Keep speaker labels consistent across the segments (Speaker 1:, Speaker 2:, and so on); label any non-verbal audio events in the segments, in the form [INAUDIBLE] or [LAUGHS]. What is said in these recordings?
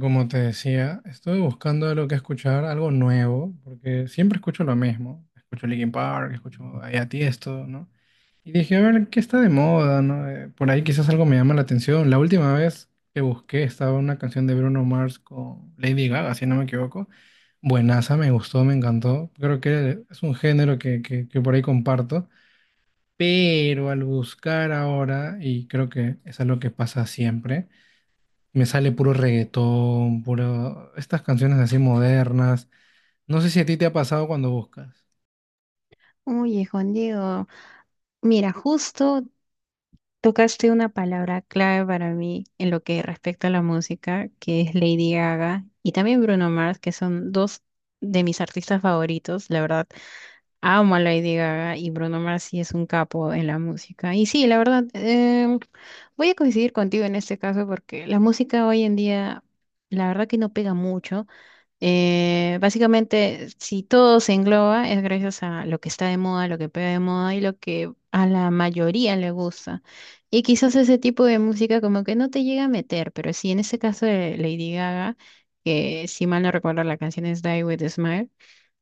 Speaker 1: Como te decía, estuve buscando lo que escuchar, algo nuevo, porque siempre escucho lo mismo. Escucho Linkin Park, escucho ahí a Tiesto, ¿no? Y dije, a ver, ¿qué está de moda, no? Por ahí quizás algo me llama la atención. La última vez que busqué estaba una canción de Bruno Mars con Lady Gaga, si no me equivoco. Buenaza, me gustó, me encantó. Creo que es un género que por ahí comparto. Pero al buscar ahora, y creo que es algo que pasa siempre, me sale puro reggaetón, puro... Estas canciones así modernas. No sé si a ti te ha pasado cuando buscas.
Speaker 2: Oye, Juan Diego, mira, justo tocaste una palabra clave para mí en lo que respecta a la música, que es Lady Gaga y también Bruno Mars, que son dos de mis artistas favoritos. La verdad, amo a Lady Gaga y Bruno Mars sí es un capo en la música. Y sí, la verdad, voy a coincidir contigo en este caso porque la música hoy en día, la verdad que no pega mucho. Básicamente, si todo se engloba, es gracias a lo que está de moda, lo que pega de moda y lo que a la mayoría le gusta. Y quizás ese tipo de música como que no te llega a meter, pero sí, en este caso de Lady Gaga, que si mal no recuerdo la canción es Die With a Smile,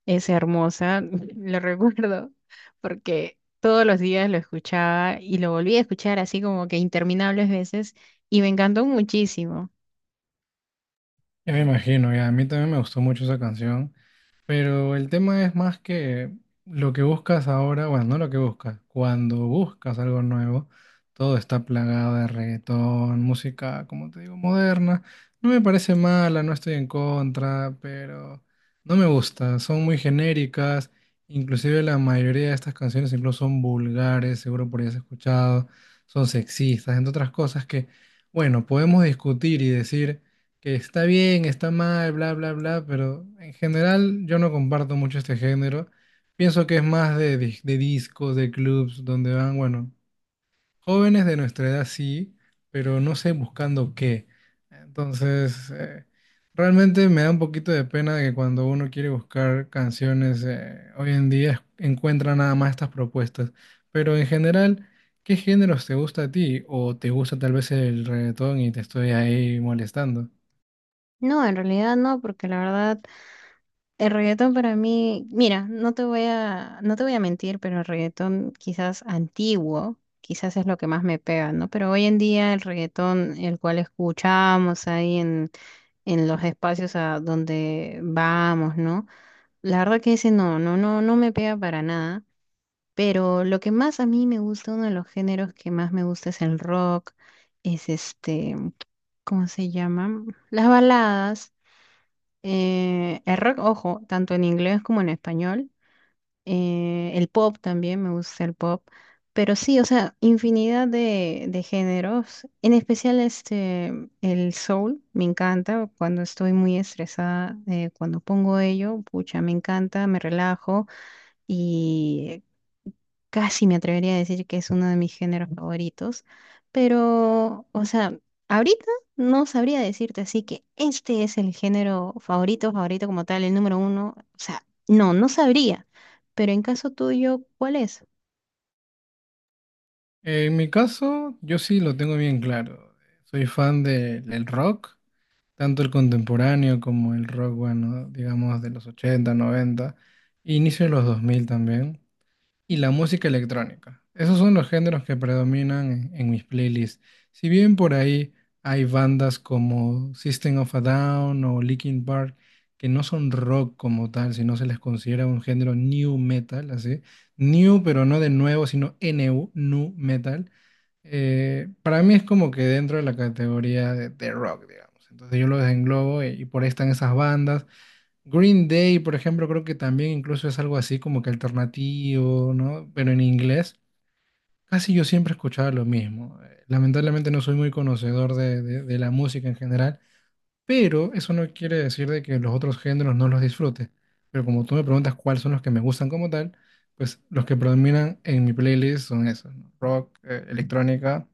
Speaker 2: es hermosa, [LAUGHS] lo recuerdo, porque todos los días lo escuchaba y lo volví a escuchar así como que interminables veces y me encantó muchísimo.
Speaker 1: Ya me imagino, ya. A mí también me gustó mucho esa canción. Pero el tema es más que lo que buscas ahora, bueno, no lo que buscas, cuando buscas algo nuevo, todo está plagado de reggaetón, música, como te digo, moderna. No me parece mala, no estoy en contra, pero no me gusta, son muy genéricas, inclusive la mayoría de estas canciones incluso son vulgares, seguro por ahí has escuchado, son sexistas, entre otras cosas que, bueno, podemos discutir y decir que está bien, está mal, bla, bla, bla, pero en general yo no comparto mucho este género. Pienso que es más de discos, de clubs, donde van, bueno, jóvenes de nuestra edad sí, pero no sé buscando qué. Entonces, realmente me da un poquito de pena de que cuando uno quiere buscar canciones, hoy en día encuentra nada más estas propuestas. Pero en general... ¿Qué géneros te gusta a ti? ¿O te gusta tal vez el reggaetón y te estoy ahí molestando?
Speaker 2: No, en realidad no, porque la verdad... El reggaetón para mí, mira, no te voy a mentir, pero el reggaetón quizás antiguo, quizás es lo que más me pega, ¿no? Pero hoy en día el reggaetón, el cual escuchamos ahí en los espacios a donde vamos, ¿no? La verdad que ese no, no me pega para nada. Pero lo que más a mí me gusta, uno de los géneros que más me gusta es el rock, es este, ¿cómo se llama? Las baladas. El rock, ojo, tanto en inglés como en español el pop también, me gusta el pop. Pero sí, o sea, infinidad de géneros. En especial este, el soul, me encanta. Cuando estoy muy estresada, cuando pongo ello, pucha, me encanta, me relajo. Y casi me atrevería a decir que es uno de mis géneros favoritos, pero, o sea, ahorita no sabría decirte así que este es el género favorito, favorito como tal, el número uno, o sea, no, no sabría, pero en caso tuyo, ¿cuál es?
Speaker 1: En mi caso, yo sí lo tengo bien claro. Soy del rock, tanto el contemporáneo como el rock, bueno, digamos de los 80, 90, e inicio de los 2000 también y la música electrónica. Esos son los géneros que predominan en mis playlists. Si bien por ahí hay bandas como System of a Down o Linkin Park que no son rock como tal, sino se les considera un género new metal, así. New, pero no de nuevo, sino NU, nu metal. Para mí es como que dentro de la categoría de rock, digamos. Entonces yo lo desenglobo y por ahí están esas bandas. Green Day, por ejemplo, creo que también incluso es algo así como que alternativo, ¿no? Pero en inglés, casi yo siempre escuchaba lo mismo. Lamentablemente no soy muy conocedor de la música en general, pero eso no quiere decir de que los otros géneros no los disfrute. Pero como tú me preguntas cuáles son los que me gustan como tal, pues los que predominan en mi playlist son esos, ¿no? Rock, electrónica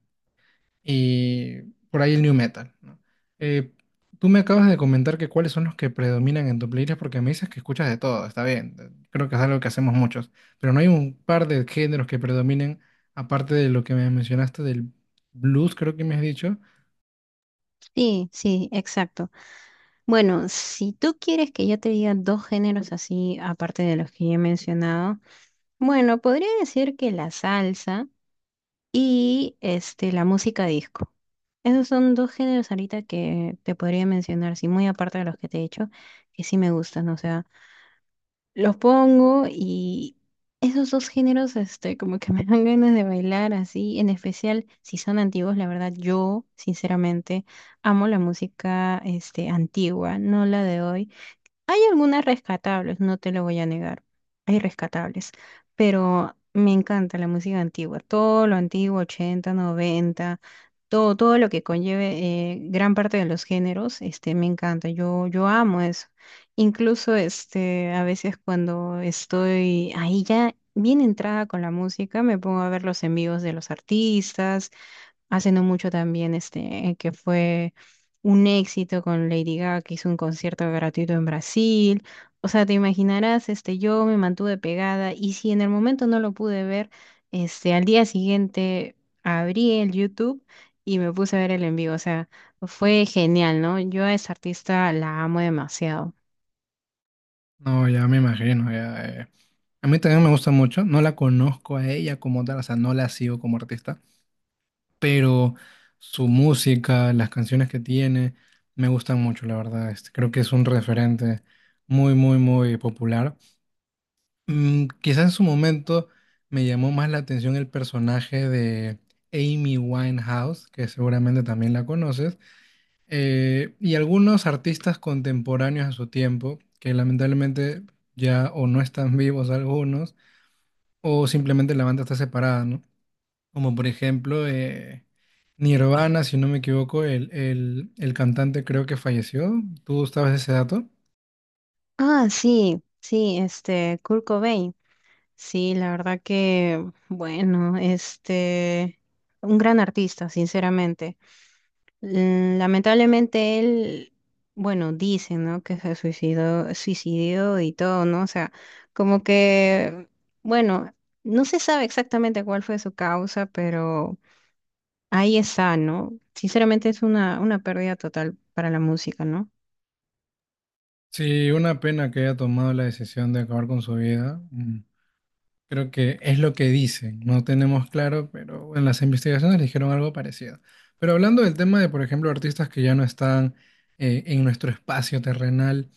Speaker 1: y por ahí el new metal, ¿no? Eh, Tú me acabas de comentar que cuáles son los que predominan en tu playlist porque me dices que escuchas de todo, está bien, creo que es algo que hacemos muchos, pero no hay un par de géneros que predominen aparte de lo que me mencionaste del blues, creo que me has dicho.
Speaker 2: Sí, sí, exacto. Bueno, si tú quieres que yo te diga dos géneros así, aparte de los que ya he mencionado, bueno, podría decir que la salsa, y este, la música disco. Esos son dos géneros ahorita que te podría mencionar, sí, muy aparte de los que te he dicho, que sí me gustan, o sea, los pongo y esos dos géneros, este, como que [LAUGHS] me dan ganas de bailar así, en especial si son antiguos, la verdad, yo sinceramente amo la música, este, antigua, no la de hoy. Algunas rescatables, no te lo voy a negar. Hay rescatables, pero me encanta la música antigua, todo lo antiguo, 80 noventa, todo, todo lo que conlleve gran parte de los géneros, este, me encanta. Yo amo eso. Incluso este, a veces cuando estoy ahí ya bien entrada con la música, me pongo a ver los en vivos de los artistas hace no mucho también, este, que fue un éxito con Lady Gaga, que hizo un concierto gratuito en Brasil. O sea, te imaginarás, este, yo me mantuve pegada y si en el momento no lo pude ver, este, al día siguiente abrí el YouTube y me puse a ver el en vivo. O sea, fue genial, ¿no? Yo a esa artista la amo demasiado.
Speaker 1: No, ya me imagino, ya, eh. A mí también me gusta mucho, no la conozco a ella como tal, o sea, no la sigo como artista, pero su música, las canciones que tiene, me gustan mucho, la verdad. Este, creo que es un referente muy, muy, muy popular. Mm, quizá en su momento me llamó más la atención el personaje de Amy Winehouse, que seguramente también la conoces, y algunos artistas contemporáneos a su tiempo, que lamentablemente ya o no están vivos algunos, o simplemente la banda está separada, ¿no? Como por ejemplo Nirvana, si no me equivoco, el cantante creo que falleció. ¿Tú sabes ese dato?
Speaker 2: Ah, sí, sí, este, Kurt Cobain. Sí, la verdad que, bueno, este, un gran artista, sinceramente. Mm, lamentablemente él, bueno, dicen, ¿no? Que se suicidó, suicidió y todo, ¿no? O sea, como que, bueno, no se sabe exactamente cuál fue su causa, pero ahí está, ¿no? Sinceramente es una pérdida total para la música, ¿no?
Speaker 1: Sí, una pena que haya tomado la decisión de acabar con su vida. Mm. Creo que es lo que dicen, no tenemos claro, pero en las investigaciones dijeron algo parecido. Pero hablando del tema de, por ejemplo, artistas que ya no están en nuestro espacio terrenal,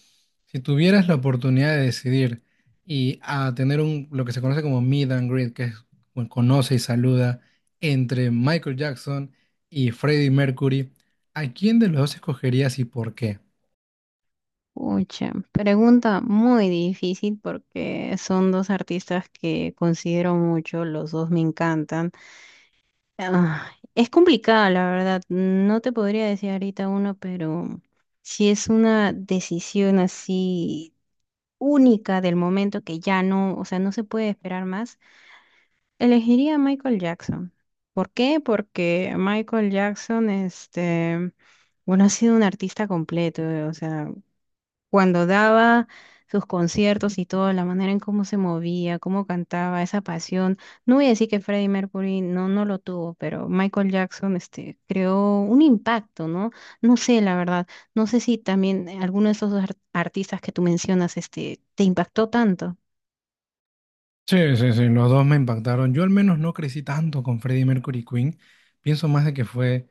Speaker 1: si tuvieras la oportunidad de decidir y a tener un, lo que se conoce como meet and greet, que es bueno, conoce y saluda entre Michael Jackson y Freddie Mercury, ¿a quién de los dos escogerías y por qué?
Speaker 2: Pucha, pregunta muy difícil porque son dos artistas que considero mucho, los dos me encantan. Ah, es complicada, la verdad. No te podría decir ahorita uno, pero si es una decisión así única del momento que ya no, o sea, no se puede esperar más, elegiría a Michael Jackson. ¿Por qué? Porque Michael Jackson, este, bueno, ha sido un artista completo, o sea cuando daba sus conciertos y todo, la manera en cómo se movía, cómo cantaba, esa pasión. No voy a decir que Freddie Mercury no, no lo tuvo, pero Michael Jackson este, creó un impacto, ¿no? No sé, la verdad, no sé si también alguno de esos artistas que tú mencionas este, te impactó tanto.
Speaker 1: Sí, sí, sí, los dos me impactaron. Yo al menos no crecí tanto con Freddie Mercury y Queen. Pienso más de que fue,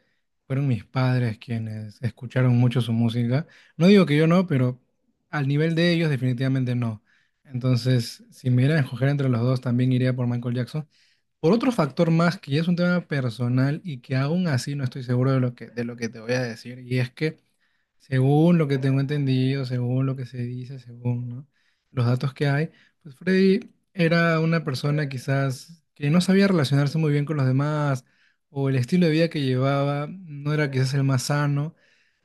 Speaker 1: fueron mis padres quienes escucharon mucho su música. No digo que yo no, pero al nivel de ellos definitivamente no. Entonces, si me dieran a escoger entre los dos, también iría por Michael Jackson. Por otro factor más, que ya es un tema personal y que aún así no estoy seguro de lo que te voy a decir, y es que según lo que tengo entendido, según lo que se dice, según, ¿no? Los datos que hay, pues Freddy era una persona quizás que no sabía relacionarse muy bien con los demás o el estilo de vida que llevaba no era quizás el más sano,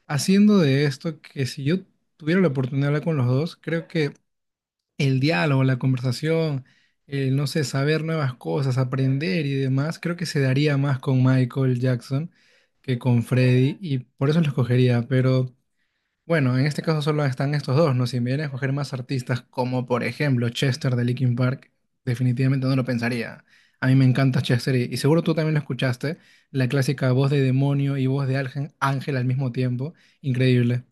Speaker 1: haciendo de esto que si yo tuviera la oportunidad de hablar con los dos, creo que el diálogo, la conversación, el, no sé, saber nuevas cosas, aprender y demás, creo que se daría más con Michael Jackson que con Freddy y por eso lo escogería, pero... Bueno, en este caso solo están estos dos, ¿no? Si me vienen a escoger más artistas, como por ejemplo Chester de Linkin Park, definitivamente no lo pensaría. A mí me encanta Chester y seguro tú también lo escuchaste, la clásica voz de demonio y voz de ángel, ángel al mismo tiempo, increíble.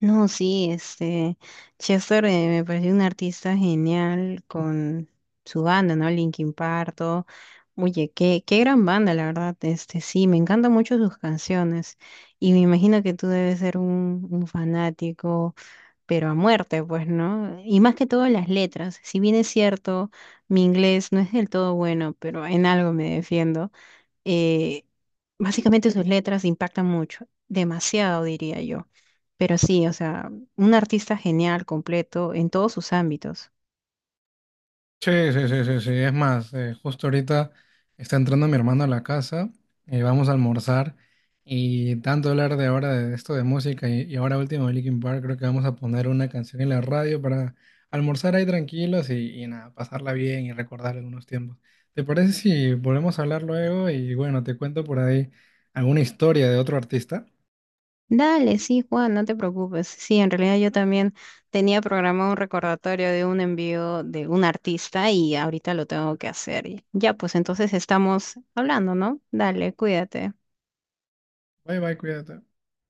Speaker 2: No, sí, este, Chester me pareció un artista genial con su banda, ¿no? Linkin Park, todo. Oye, qué, qué gran banda, la verdad. Este, sí, me encantan mucho sus canciones. Y me imagino que tú debes ser un fanático, pero a muerte, pues, ¿no? Y más que todo las letras. Si bien es cierto, mi inglés no es del todo bueno, pero en algo me defiendo, eh, básicamente sus letras impactan mucho, demasiado diría yo. Pero sí, o sea, un artista genial, completo, en todos sus ámbitos.
Speaker 1: Sí, sí, sí, sí, sí. Es más, justo ahorita está entrando mi hermano a la casa, y vamos a almorzar y tanto hablar de ahora de esto de música y ahora último de Linkin Park, creo que vamos a poner una canción en la radio para almorzar ahí tranquilos y nada, pasarla bien y recordar algunos tiempos. ¿Te parece si volvemos a hablar luego? Y bueno, te cuento por ahí alguna historia de otro artista.
Speaker 2: Dale, sí, Juan, no te preocupes. Sí, en realidad yo también tenía programado un recordatorio de un envío de un artista y ahorita lo tengo que hacer. Y ya, pues entonces estamos hablando, ¿no? Dale, cuídate.
Speaker 1: Bye, bye, cuídate.